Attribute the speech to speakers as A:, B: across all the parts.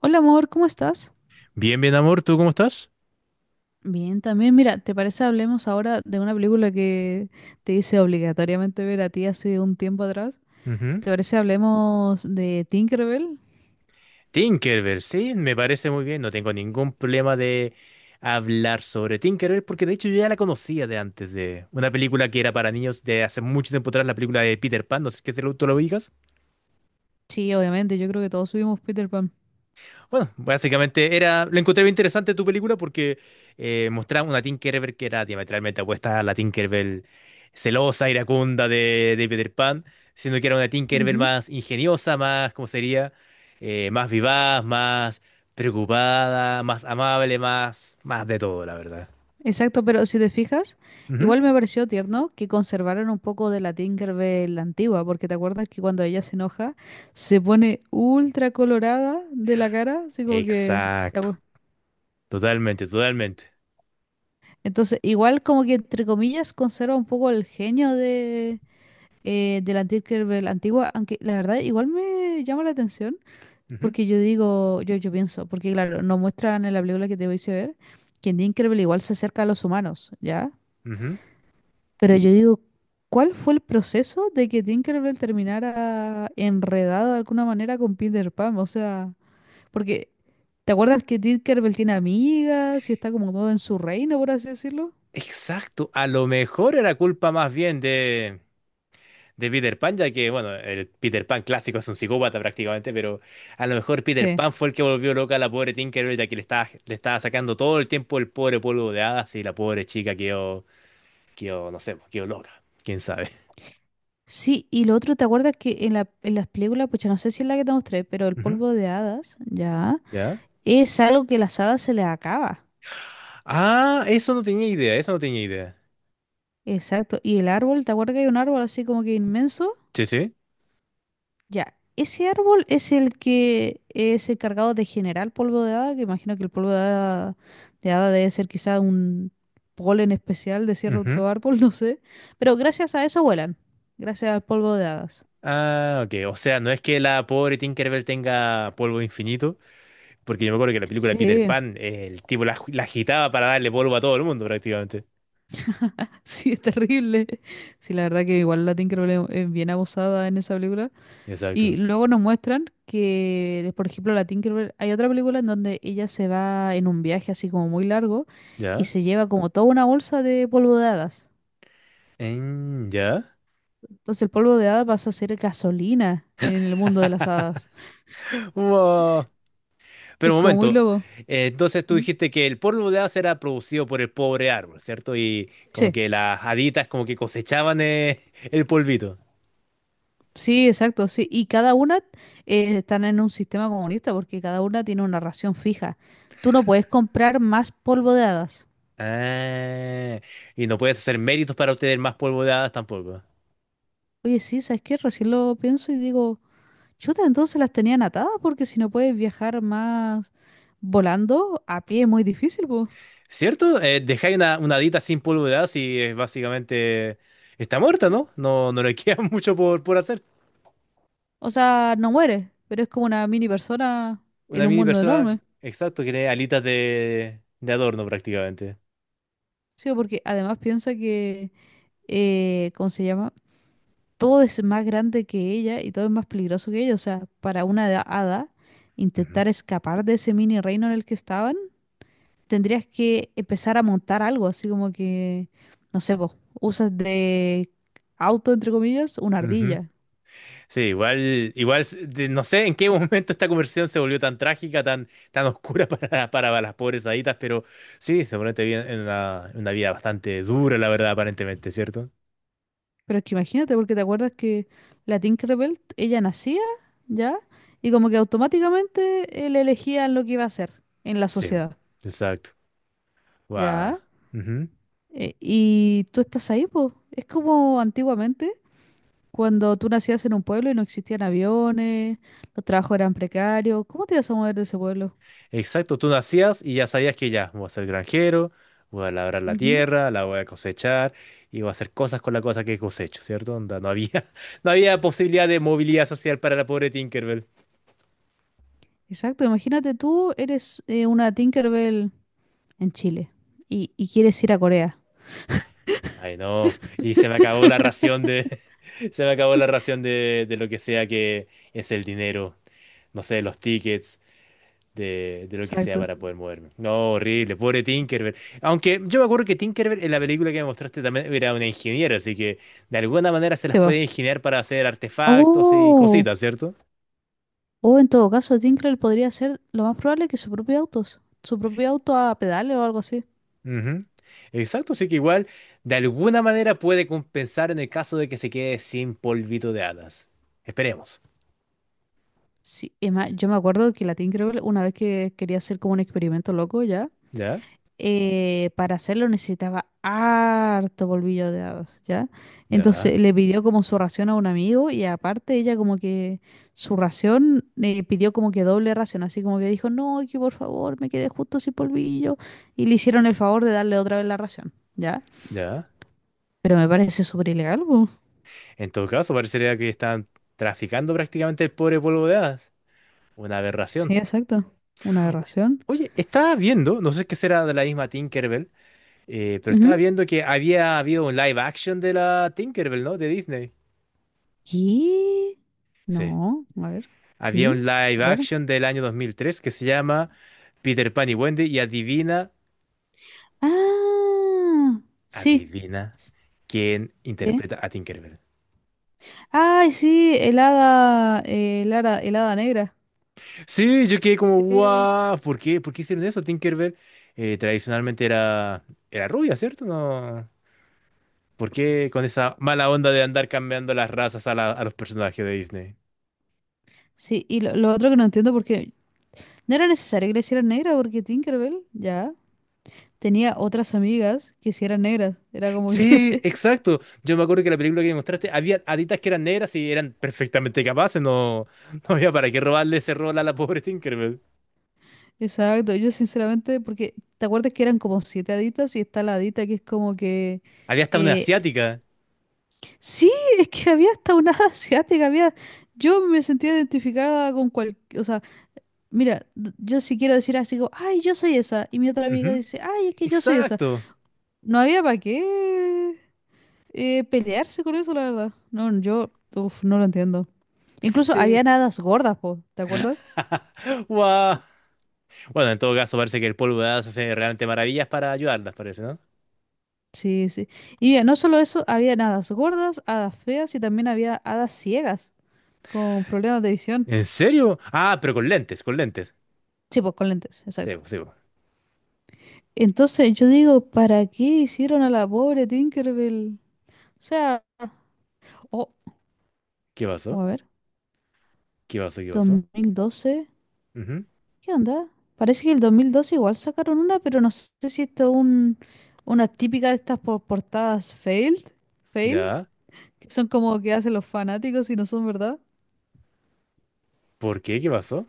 A: Hola amor, ¿cómo estás?
B: Bien, bien, amor, ¿tú cómo estás?
A: Bien, también, mira, ¿te parece hablemos ahora de una película que te hice obligatoriamente ver a ti hace un tiempo atrás?
B: Ujú.
A: ¿Te parece hablemos de Tinkerbell?
B: Tinkerbell, sí, me parece muy bien. No tengo ningún problema de hablar sobre Tinkerbell porque de hecho yo ya la conocía de antes de una película que era para niños de hace mucho tiempo atrás, la película de Peter Pan, no sé qué es el auto lo ubicas.
A: Sí, obviamente, yo creo que todos subimos Peter Pan.
B: Bueno, básicamente era, lo encontré bien interesante tu película porque mostraba una Tinkerbell que era diametralmente opuesta a la Tinkerbell celosa, iracunda de Peter Pan, siendo que era una Tinkerbell
A: Ujú.
B: más ingeniosa, más, ¿cómo sería? Más vivaz, más preocupada, más amable, más, más de todo, la verdad.
A: Exacto, pero si te fijas,
B: Ujú.
A: igual me pareció tierno que conservaron un poco de la Tinkerbell antigua, porque te acuerdas que cuando ella se enoja se pone ultra colorada de la cara, así como que.
B: Exacto, totalmente, totalmente.
A: Entonces, igual como que entre comillas conserva un poco el genio de la Tinkerbell antigua, aunque la verdad igual me llama la atención,
B: Ujú,
A: porque yo digo, yo pienso, porque claro, nos muestran en la película que te voy a ver, que en Tinkerbell igual se acerca a los humanos, ¿ya?
B: ujú.
A: Pero yo digo, ¿cuál fue el proceso de que Tinkerbell terminara enredado de alguna manera con Peter Pan? O sea, porque, ¿te acuerdas que Tinkerbell tiene amigas y está como todo en su reino, por así decirlo?
B: Exacto, a lo mejor era culpa más bien de de Peter Pan, ya que, bueno, el Peter Pan clásico es un psicópata prácticamente, pero a lo mejor Peter
A: Sí.
B: Pan fue el que volvió loca a la pobre Tinkerbell, ya que le estaba sacando todo el tiempo el pobre polvo de hadas y la pobre chica quedó, quedó, no sé, pues, quedó loca, quién sabe.
A: Sí, y lo otro, ¿te acuerdas que en las películas, pues no sé si es la que te mostré, pero el
B: Ujú,
A: polvo de hadas, ya,
B: ¿ya?
A: es algo que las hadas se les acaba.
B: Ah, eso no tenía idea, eso no tenía idea.
A: Exacto. Y el árbol, ¿te acuerdas que hay un árbol así como que inmenso?
B: Sí, sí.
A: Ya, ese árbol es el que es encargado de generar polvo de hada, que imagino que el polvo de hada debe ser quizá un polen especial de
B: Ujú.
A: cierto árbol, no sé. Pero gracias a eso vuelan, gracias al polvo de hadas.
B: Ah, ok. O sea, no es que la pobre Tinkerbell tenga polvo infinito, porque yo me acuerdo que en la película de Peter
A: Sí.
B: Pan, el tipo la agitaba para darle polvo a todo el mundo prácticamente.
A: Sí, es terrible. Sí, la verdad que igual la Tinkerbell es bien abusada en esa película.
B: Exacto.
A: Y luego nos muestran que, por ejemplo, la Tinkerbell, hay otra película en donde ella se va en un viaje así como muy largo y
B: ¿Ya?
A: se lleva como toda una bolsa de polvo de hadas.
B: Mm, ¿ya?
A: Entonces el polvo de hadas pasa a ser gasolina en el mundo de las hadas.
B: Wow. Pero
A: Es
B: un
A: como muy
B: momento,
A: loco.
B: entonces tú
A: ¿Mm?
B: dijiste que el polvo de haz era producido por el pobre árbol, ¿cierto? Y como
A: Sí,
B: que las haditas como que cosechaban el polvito.
A: sí, exacto, sí. Y cada una, están en un sistema comunista porque cada una tiene una ración fija. Tú no puedes comprar más polvo de hadas.
B: Ah, y no puedes hacer méritos para obtener más polvo de hadas tampoco.
A: Oye, sí, ¿sabes qué? Recién lo pienso y digo, chuta, entonces las tenían atadas porque si no puedes viajar más volando, a pie es muy difícil, pues.
B: ¿Cierto? Dejáis una hadita sin polvo de hadas y es básicamente está muerta, ¿no? No, no le queda mucho por hacer.
A: O sea, no mueres, pero es como una mini persona en
B: Una
A: un
B: mini
A: mundo
B: persona,
A: enorme.
B: exacto, que tiene alitas de adorno prácticamente.
A: Sí, porque además piensa que, ¿cómo se llama? Todo es más grande que ella y todo es más peligroso que ella. O sea, para una hada,
B: Ujú,
A: intentar escapar de ese mini reino en el que estaba tendrías que empezar a montar algo, así como que, no sé, vos, usas de auto, entre comillas, una
B: ujú.
A: ardilla.
B: Sí, igual, igual, no sé en qué momento esta conversión se volvió tan trágica, tan, tan oscura para las pobres haditas, pero sí, se ponen en una vida bastante dura, la verdad, aparentemente, ¿cierto?
A: Pero es que imagínate, porque te acuerdas que la Tinkerbell, ella nacía, ¿ya? Y como que automáticamente él elegía lo que iba a hacer en la
B: Sí,
A: sociedad,
B: exacto. Guau.
A: ¿ya?
B: Ujú.
A: Y tú estás ahí, pues. Es como antiguamente, cuando tú nacías en un pueblo y no existían aviones, los trabajos eran precarios. ¿Cómo te ibas a mover de ese pueblo?
B: Exacto, tú nacías y ya sabías que ya, voy a ser granjero, voy a labrar la
A: Ujú.
B: tierra, la voy a cosechar y voy a hacer cosas con la cosa que cosecho, ¿cierto? Onda, no había, no había posibilidad de movilidad social para la pobre Tinkerbell.
A: Exacto, imagínate tú eres una Tinkerbell en Chile y, quieres ir a Corea.
B: Ay, no. Y se me acabó la ración de. Se me acabó la ración de lo que sea que es el dinero. No sé, los tickets, de lo que sea
A: Exacto.
B: para poder moverme. No, horrible. Pobre Tinkerbell. Aunque yo me acuerdo que Tinkerbell en la película que me mostraste también era una ingeniera, así que de alguna manera se las
A: Sí, va.
B: puede ingeniar para hacer artefactos y
A: Oh,
B: cositas, ¿cierto?
A: o en todo caso, Tinkerbell podría ser lo más probable que su propio auto a pedales o algo así.
B: Ujú. Exacto, así que igual de alguna manera puede compensar en el caso de que se quede sin polvito de hadas. Esperemos.
A: Sí, es más, yo me acuerdo que la Tinkerbell, una vez que quería hacer como un experimento loco ya,
B: ¿Ya?
A: para hacerlo necesitaba harto polvillo de hadas, ¿ya? Entonces
B: ¿Ya?
A: le pidió como su ración a un amigo y aparte ella como que su ración, pidió como que doble ración, así como que dijo, no, que por favor me quedé justo sin polvillo y le hicieron el favor de darle otra vez la ración, ¿ya?
B: ¿Ya?
A: Pero me parece súper ilegal, po.
B: En todo caso, parecería que están traficando prácticamente el pobre polvo de hadas. Una
A: Sí,
B: aberración.
A: exacto, una
B: O-
A: aberración.
B: Oye, estaba viendo, no sé qué será de la misma Tinkerbell, pero estaba
A: Ujú.
B: viendo que había habido un live action de la Tinkerbell, ¿no? De Disney.
A: ¿Qué?
B: Sí.
A: No, a ver,
B: Había
A: sí,
B: un
A: a
B: live
A: ver.
B: action del año 2003 que se llama Peter Pan y Wendy y adivina,
A: Ah, sí.
B: adivina quién
A: ¿Qué?
B: interpreta a Tinkerbell.
A: Ay, sí, el hada, negra.
B: Sí, yo quedé como,
A: Sí.
B: guau, ¿por qué? ¿Por qué hicieron eso? Tinkerbell tradicionalmente era, era rubia, ¿cierto? No. ¿Por qué con esa mala onda de andar cambiando las razas a, a los personajes de Disney?
A: Sí, y lo otro que no entiendo porque no era necesario que le hicieran negra porque Tinkerbell ya tenía otras amigas que sí eran negras. Era como
B: Sí,
A: que.
B: exacto. Yo me acuerdo que la película que me mostraste, había haditas que eran negras y eran perfectamente capaces. No, no había para qué robarle ese rol a la pobre Tinkerbell.
A: Exacto, yo sinceramente, porque ¿te acuerdas que eran como siete haditas y está la hadita que es como que.
B: Había hasta una
A: eh,
B: asiática.
A: sí, es que había hasta una hada asiática, había. Yo me sentía identificada con cual. O sea, mira, yo si quiero decir así como, ay, yo soy esa. Y mi otra amiga
B: Ujú,
A: dice, ay, es que yo soy esa.
B: exacto.
A: No había para qué, pelearse con eso, la verdad. No, yo, uf, no lo entiendo. Incluso
B: Sí.
A: había hadas gordas, po, ¿te acuerdas?
B: Guau. Bueno, en todo caso, parece que el polvo de hadas hace realmente maravillas para ayudarlas, parece, ¿no?
A: Sí, sí. Y mira, no solo eso, había hadas gordas, hadas feas y también había hadas ciegas con problemas de visión.
B: ¿En serio? Ah, pero con lentes, con lentes.
A: Sí, pues con lentes,
B: Sí,
A: exacto.
B: po, sí, po.
A: Entonces yo digo, ¿para qué hicieron a la pobre Tinkerbell? O sea, oh,
B: ¿Qué pasó?
A: a ver,
B: ¿Qué pasó? ¿Qué
A: dos
B: pasó?
A: mil doce
B: Ujú,
A: ¿Qué onda? Parece que el 2012 igual sacaron una, pero no sé si esto es una típica de estas portadas fail,
B: ya.
A: que son como que hacen los fanáticos y no son verdad,
B: ¿Por qué? ¿Qué pasó?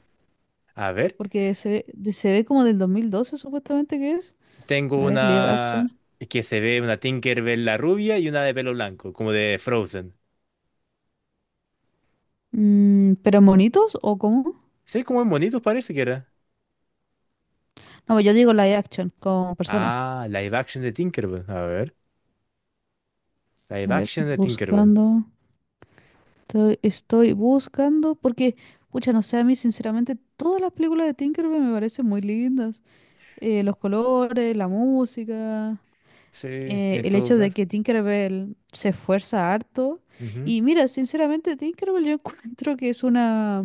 B: A ver,
A: porque se ve, se ve como del 2012 supuestamente que es.
B: tengo
A: A ver, live
B: una
A: action.
B: que se ve una Tinkerbell la rubia y una de pelo blanco, como de Frozen.
A: Mm, ¿pero monitos o cómo?
B: Sí, como en bonitos parece que era.
A: No, pues yo digo live action, con personas.
B: Ah, live action de Tinkerbell. A ver, live
A: A ver,
B: action de Tinkerbell.
A: buscando. Estoy buscando, porque, pucha, no sé, a mí sinceramente todas las películas de Tinkerbell me parecen muy lindas, los colores, la música,
B: Sí, en
A: el
B: todo
A: hecho de
B: caso.
A: que Tinkerbell se esfuerza harto. Y mira, sinceramente, Tinkerbell yo encuentro que es una.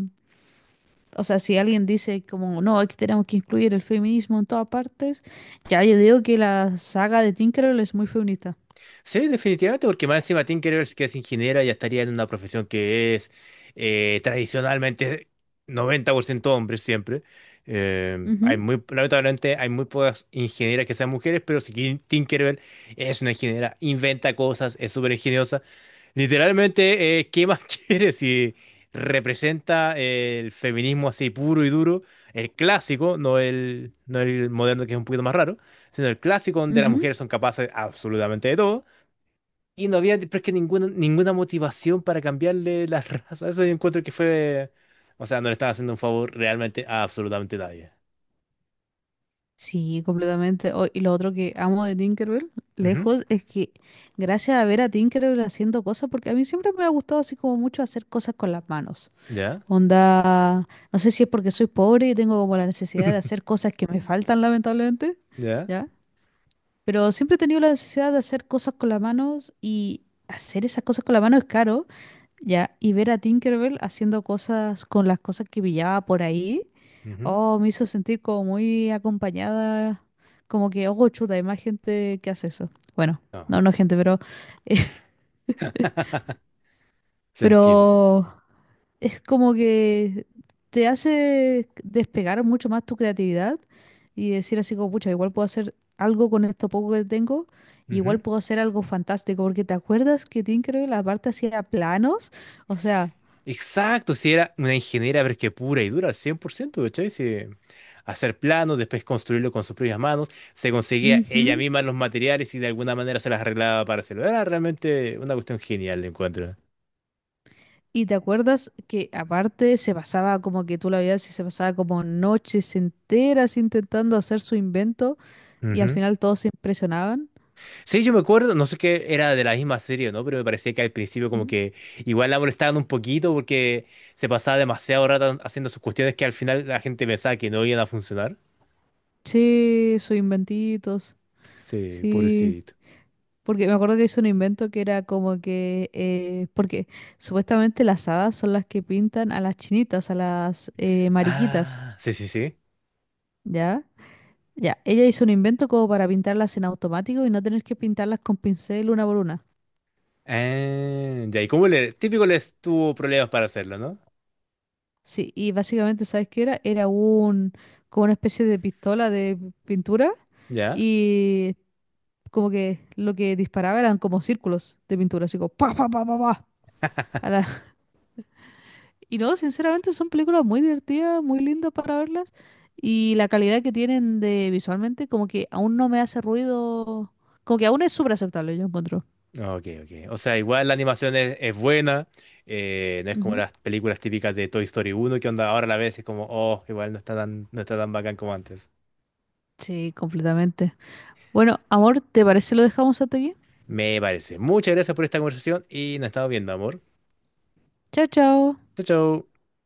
A: O sea, si alguien dice como, no, aquí tenemos que incluir el feminismo en todas partes, ya yo digo que la saga de Tinkerbell es muy feminista.
B: Sí, definitivamente, porque más encima Tim Rivers, que es ingeniera, ya estaría en una profesión que es tradicionalmente 90% hombres siempre.
A: Ujú,
B: Lamentablemente hay muy pocas ingenieras que sean mujeres, pero si Tinkerbell es una ingeniera, inventa cosas, es súper ingeniosa. Literalmente, ¿qué más quieres si representa el feminismo así puro y duro, el clásico, no no el moderno que es un poquito más raro, sino el clásico donde las
A: ujú.
B: mujeres son capaces absolutamente de todo? Y no había, pero es que ninguna, ninguna motivación para cambiarle la raza. Eso yo encuentro que fue. O sea, no le estaba haciendo un favor realmente a absolutamente nadie.
A: Sí, completamente. Oh, y lo otro que amo de Tinkerbell,
B: Ujú,
A: lejos, es que gracias a ver a Tinkerbell haciendo cosas, porque a mí siempre me ha gustado así como mucho hacer cosas con las manos.
B: ¿ya?
A: Onda, no sé si es porque soy pobre y tengo como la necesidad de hacer cosas que me faltan, lamentablemente,
B: ¿Ya?
A: ¿ya? Pero siempre he tenido la necesidad de hacer cosas con las manos y hacer esas cosas con las manos es caro, ¿ya? Y ver a Tinkerbell haciendo cosas con las cosas que pillaba por ahí,
B: Ujú,
A: oh, me hizo sentir como muy acompañada, como que, oh, chuta, hay más gente que hace eso. Bueno,
B: no.
A: no, no gente, pero.
B: Se entiende, se entiende.
A: Pero es como que te hace despegar mucho más tu creatividad y decir así como, pucha, igual puedo hacer algo con esto poco que tengo, igual
B: Ujú.
A: puedo hacer algo fantástico, porque te acuerdas que Tinkerbell aparte hacía planos, o sea,
B: Exacto, si era una ingeniera, pero es que pura y dura, al 100%, ¿cachai? Si hacer planos, después construirlo con sus propias manos, se conseguía ella
A: ujú.
B: misma los materiales y de alguna manera se las arreglaba para hacerlo. Era realmente una cuestión genial, encuentro.
A: Y te acuerdas que aparte se pasaba como que tú la veías y se pasaba como noches enteras intentando hacer su invento y al final todos se impresionaban.
B: Sí, yo me acuerdo, no sé qué era de la misma serie, o ¿no? Pero me parecía que al principio como
A: ¿Mm?
B: que igual la molestaban un poquito porque se pasaba demasiado rato haciendo sus cuestiones que al final la gente pensaba que no iban a funcionar.
A: Sí, sus inventitos,
B: Sí,
A: sí.
B: pobrecito.
A: Porque me acuerdo que hizo un invento que era como que, porque supuestamente las hadas son las que pintan a las chinitas, a las, mariquitas,
B: Ah, sí, sí, sí.
A: ¿ya? Ya, ella hizo un invento como para pintarlas en automático y no tener que pintarlas con pincel una por una.
B: Ah, ya, y como le, típico les tuvo problemas para hacerlo, ¿no?
A: Sí, y básicamente, ¿sabes qué era? Era como una especie de pistola de pintura
B: Ya.
A: y como que lo que disparaba eran como círculos de pintura, así como pa, pa, pa, pa, pa, a la- Y no, sinceramente son películas muy divertidas, muy lindas para verlas. Y la calidad que tienen de visualmente, como que aún no me hace ruido. Como que aún es súper aceptable, yo encuentro.
B: Ok, ok. O sea, igual la animación es buena, no es como
A: Ujú.
B: las películas típicas de Toy Story uno que onda ahora a la vez es como, oh, igual no está tan, no está tan bacán como antes.
A: Sí, completamente. Bueno, amor, ¿te parece lo dejamos hasta aquí?
B: Me parece. Muchas gracias por esta conversación y nos estamos viendo, amor.
A: Chao, chao.
B: Chao, chao.